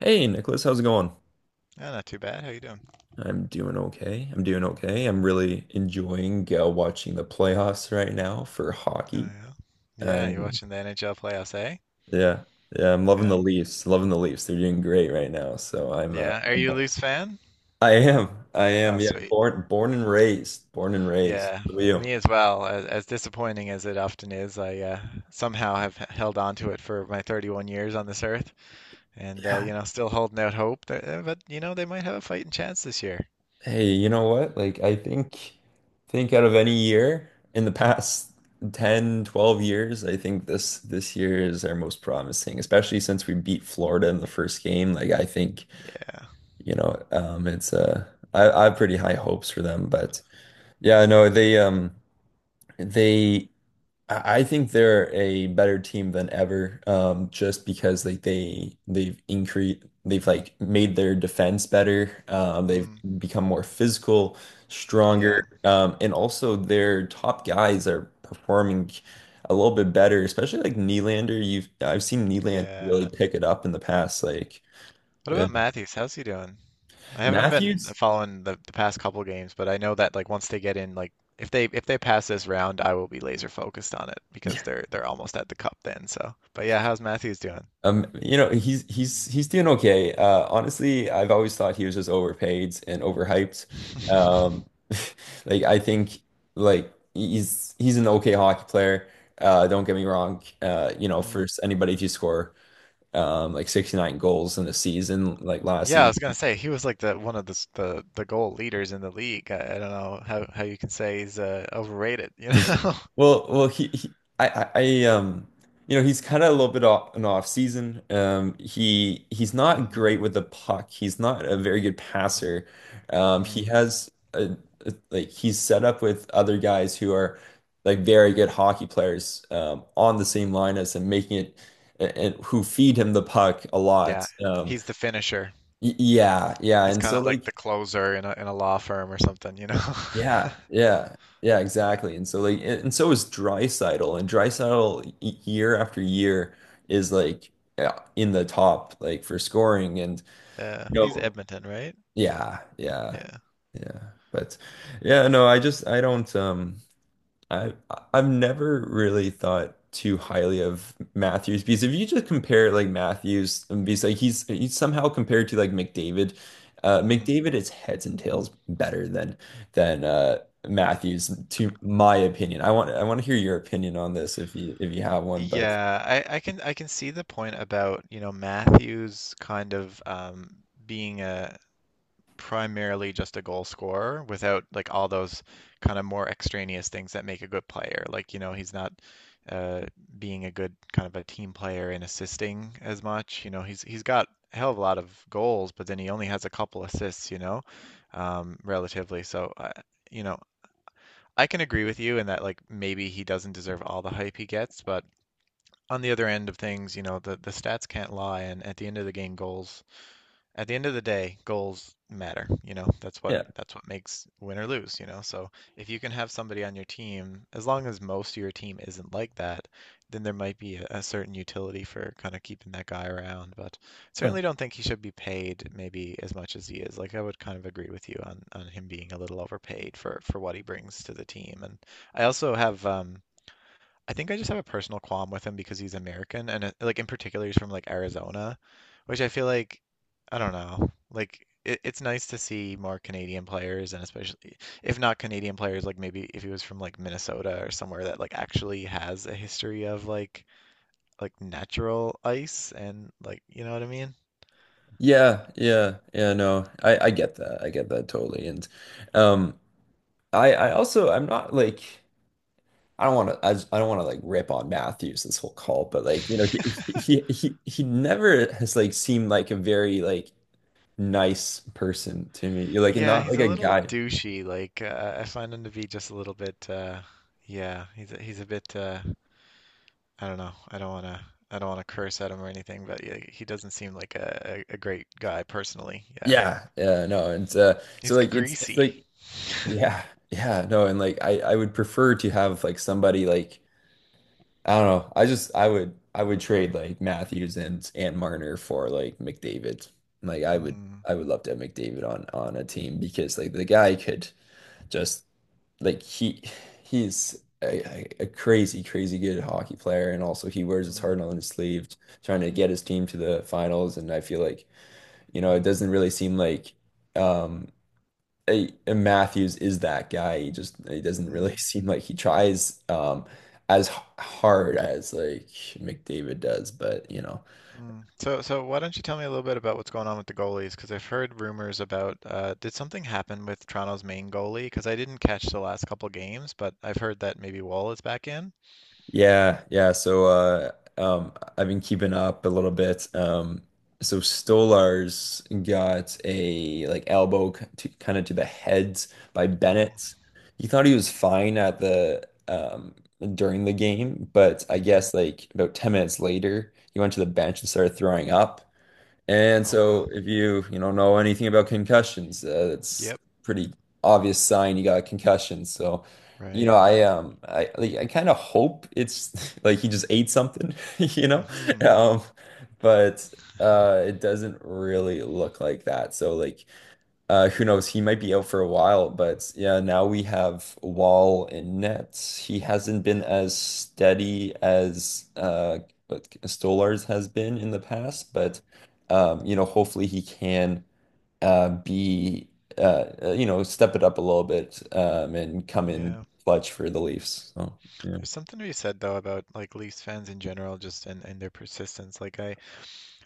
Hey Nicholas, how's it going? Yeah, not too bad. How you doing? I'm doing okay. I'm doing okay. I'm really enjoying watching the playoffs right now for Oh hockey. yeah. Yeah, you're I'm watching the NHL playoffs, eh? yeah, yeah. I'm loving the Yeah. Leafs. Loving the Leafs. They're doing great right now. So I'm, uh, Yeah. Are I'm you a Leafs fan? I am. I Oh, am. Yeah. sweet. Born, born and raised. Born and raised. Yeah, Who are you? me as well. As disappointing as it often is, I somehow have held on to it for my 31 years on this earth, and Yeah. Still holding out hope that they might have a fighting chance this year. Hey, you know what? Like I think out of any year in the past 10, 12 years, I think this year is our most promising, especially since we beat Florida in the first game. Like I think, Yeah. you know, it's I have pretty high hopes for them, but yeah, no, Mm, they I think they're a better team than ever, just because like they've like made their defense better. They've mm, become more physical, yeah. stronger, and also their top guys are performing a little bit better, especially like Nylander. You've I've seen Nylander really Yeah. pick it up in the past. What uh, about Matthews? How's he doing? I haven't been Matthews. following the past couple games, but I know that like once they get in, like if they pass this round, I will be laser focused on it because they're almost at the cup then. So, but yeah, how's Matthews doing? You know, he's doing okay. Honestly, I've always thought he was just overpaid and overhyped. Um, like I think like he's an okay hockey player. Don't get me wrong. You know, Hmm. for anybody to score like 69 goals in a season like last Yeah, I season. was gonna say he was like the one of the s- the goal leaders in the league. I don't know how you can say he's overrated, you know? Well, well, he I, you know, he's kind of a little bit off an off season. He he's not Mm, great with the puck. He's not a very good passer. He mm. has like he's set up with other guys who are like very good hockey players on the same line as him, making it and, who feed him the puck a Yeah, lot. He's the finisher. Yeah, He's and kind so of like like the closer in a law firm or something, you know? yeah, yeah, yeah, exactly. And so like and so is Drysdale year after year is like yeah, in the top like for scoring and Yeah, you he's know Edmonton, right? yeah, yeah. Yeah. Yeah. But yeah, no, I don't I I've never really thought too highly of Matthews because if you just compare like Matthews and because like he's somehow compared to like McDavid. Mm. McDavid is heads and tails better than than uh Matthews, to my opinion. I want to hear your opinion on this if you have one, but Yeah, I can I can see the point about, you know, Matthews kind of being a primarily just a goal scorer without like all those kind of more extraneous things that make a good player. Like, you know, he's not uh, being a good kind of a team player and assisting as much. You know, he's got a hell of a lot of goals, but then he only has a couple assists, you know, relatively. So, you know, I can agree with you in that like maybe he doesn't deserve all the hype he gets, but on the other end of things, you know, the stats can't lie, and at the end of the game, goals. At the end of the day, goals matter. You know, that's what yeah. that's what makes win or lose. You know, so if you can have somebody on your team, as long as most of your team isn't like that, then there might be a certain utility for kind of keeping that guy around. But Huh. certainly don't think he should be paid maybe as much as he is. Like I would kind of agree with you on him being a little overpaid for what he brings to the team. And I also have I think I just have a personal qualm with him because he's American and like in particular he's from like Arizona, which I feel like I don't know. Like it's nice to see more Canadian players and especially if not Canadian players, like maybe if he was from like Minnesota or somewhere that like actually has a history of like natural ice and like you know what I mean? Yeah, yeah, yeah, no. I get that. I get that totally. And um I also I'm not like I don't want to. I don't want to like rip on Matthews this whole call, but like you know, he he he he never has like seemed like a very like nice person to me. You're like and Yeah, not he's like a a little guy. douchey. Like I find him to be just a little bit yeah, he's he's a bit I don't know. I don't wanna curse at him or anything, but yeah, he doesn't seem like a great guy personally. Yeah. Yeah, yeah, no, and so He's like it's greasy. like yeah, yeah, no, and like I would prefer to have like somebody like I don't know. I would I would trade like Matthews and Marner for like McDavid. Like Mm, I would love to have McDavid on a team because like the guy could just like he a crazy crazy good hockey player and also he wears his mm, heart on his sleeve trying to get his team to the finals, and I feel like you know it mm, doesn't really seem like um a Matthews is that guy. He doesn't mm, really seem like he tries as hard as like McDavid does, but you know mm. So why don't you tell me a little bit about what's going on with the goalies? Because I've heard rumors about did something happen with Toronto's main goalie? Because I didn't catch the last couple games, but I've heard that maybe Wall is back in. yeah, yeah. So I've been keeping up a little bit. So Stolar's got a like kind of to the head by Ooh. Bennett. He thought he was fine at the during the game, but I Hmm. guess like about 10 minutes later, he went to the bench and started throwing up. And Oh so wow. if you, you know anything about concussions, it's Yep. pretty obvious sign you got a concussion. So, you Right. know, I like, I kind of hope it's like he just ate something, you know? Mm-hmm. Um, but it doesn't really look like that. So like who knows? He might be out for a while, but yeah, now we have Wall and Nets. He hasn't been Mm-hmm. as steady as what Stolarz has been in the past, Mm-hmm. but you know, hopefully he can be you know, step it up a little bit and come in Yeah. clutch for the Leafs. So yeah, There's something to be said though about like Leafs fans in general, just and their persistence.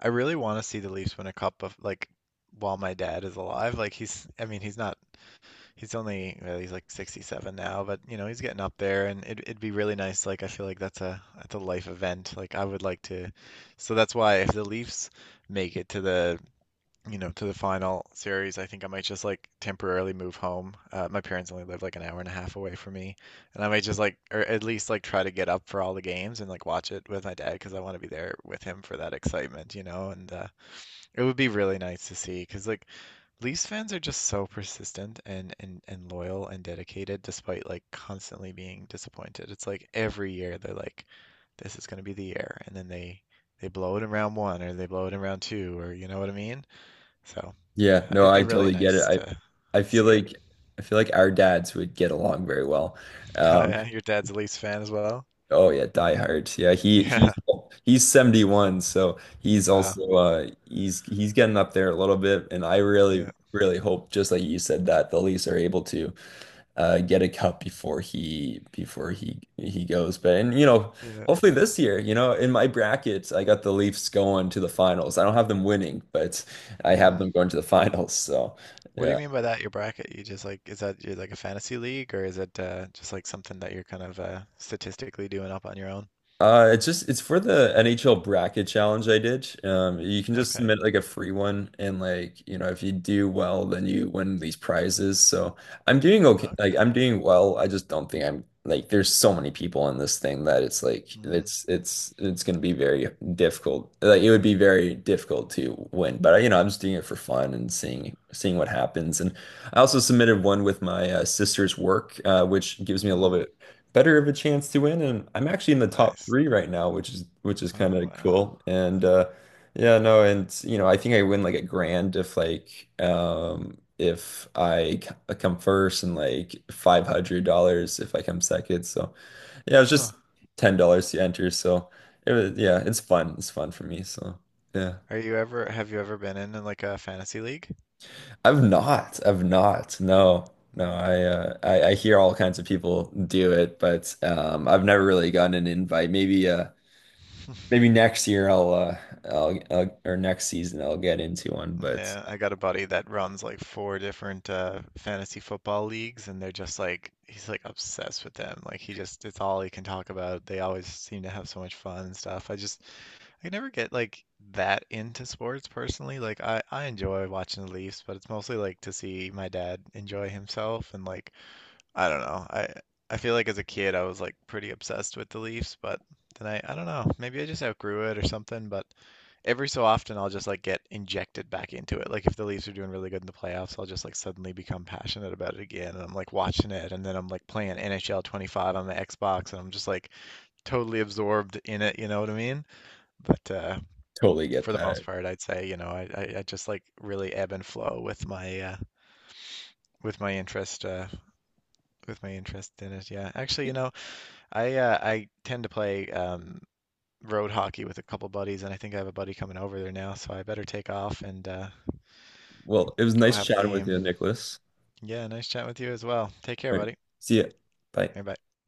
I really want to see the Leafs win a cup of like while my dad is alive. Like I mean, he's not, he's only, well, he's like 67 now, but you know, he's getting up there, and it'd be really nice. Like I feel like that's a life event. Like I would like to, So that's why if the Leafs make it to the to the final series, I think I might just like temporarily move home. My parents only live like an hour and a half away from me, and I might just like, or at least like try to get up for all the games and like watch it with my dad because I want to be there with him for that excitement, you know. And it would be really nice to see because like Leafs fans are just so persistent and and loyal and dedicated despite like constantly being disappointed. It's like every year they're like, this is going to be the year, and then they blow it in round one or they blow it in round two or you know what I mean? So. yeah, no, It'd I be really totally get it. nice I to I feel see it. like I feel like our dads would get along very well. Oh, Um, yeah, your dad's a Leafs fan as well. Oh yeah, Die Hard. Yeah, Yeah. He's 71, so he's Uh, also he's getting up there a little bit, and I really yeah. really hope, just like you said, that the Leafs are able to get a cup before he goes. But and you know, Yeah. hopefully this year, you know, in my brackets, I got the Leafs going to the finals. I don't have them winning, but I have Hmm. them going to the finals. So What do yeah. you mean by that? Your bracket? You just like, is that you like a fantasy league or is it just like something that you're kind of statistically doing up on your own? It's just it's for the NHL bracket challenge I did. You can just Okay. submit like a free one, and like you know, if you do well, then you win these prizes. So I'm doing okay. Like Okay. I'm doing well. I just Don't think I'm like there's so many people in this thing that Mm. It's gonna be very difficult. Like it would be very difficult to win. But you know, I'm just doing it for fun and seeing what happens. And I also submitted one with my sister's work, which gives me a little Mm. bit better of a chance to win. And I'm actually in the top Nice. three right now, which is kind Oh of wow. cool. And yeah, no, and you know, I think I win like a grand if like if I come first, and like $500 if I come second. So yeah, it's Huh. just $10 to enter. So it was yeah, it's fun. It's fun for me. So yeah, Are you ever have you ever been in like a fantasy league? I've not. I've not. No. No, Mm. I hear all kinds of people do it, but I've never really gotten an invite. Maybe next year or next season I'll get into one, but Yeah, I got a buddy that runs like four different fantasy football leagues and they're just like he's like obsessed with them. Like he just it's all he can talk about. They always seem to have so much fun and stuff. I just I never get like that into sports personally. Like I enjoy watching the Leafs, but it's mostly like to see my dad enjoy himself and like I don't know. I feel like as a kid I was like pretty obsessed with the Leafs, but then I don't know. Maybe I just outgrew it or something, but every so often I'll just like get injected back into it. Like if the Leafs are doing really good in the playoffs, I'll just like suddenly become passionate about it again and I'm like watching it and then I'm like playing NHL 25 on the Xbox and I'm just like totally absorbed in it, you know what I mean? But totally get for the that. most part I'd say, you know, I just like really ebb and flow with my with my interest uh with my interest in it. Yeah. Actually, you know, I tend to play road hockey with a couple buddies, and I think I have a buddy coming over there now, so I better take off and Well, it was go nice have a chatting with game. you, Nicholas. Yeah, nice chat with you as well. Take care, All right. buddy. See ya. Bye. Bye bye.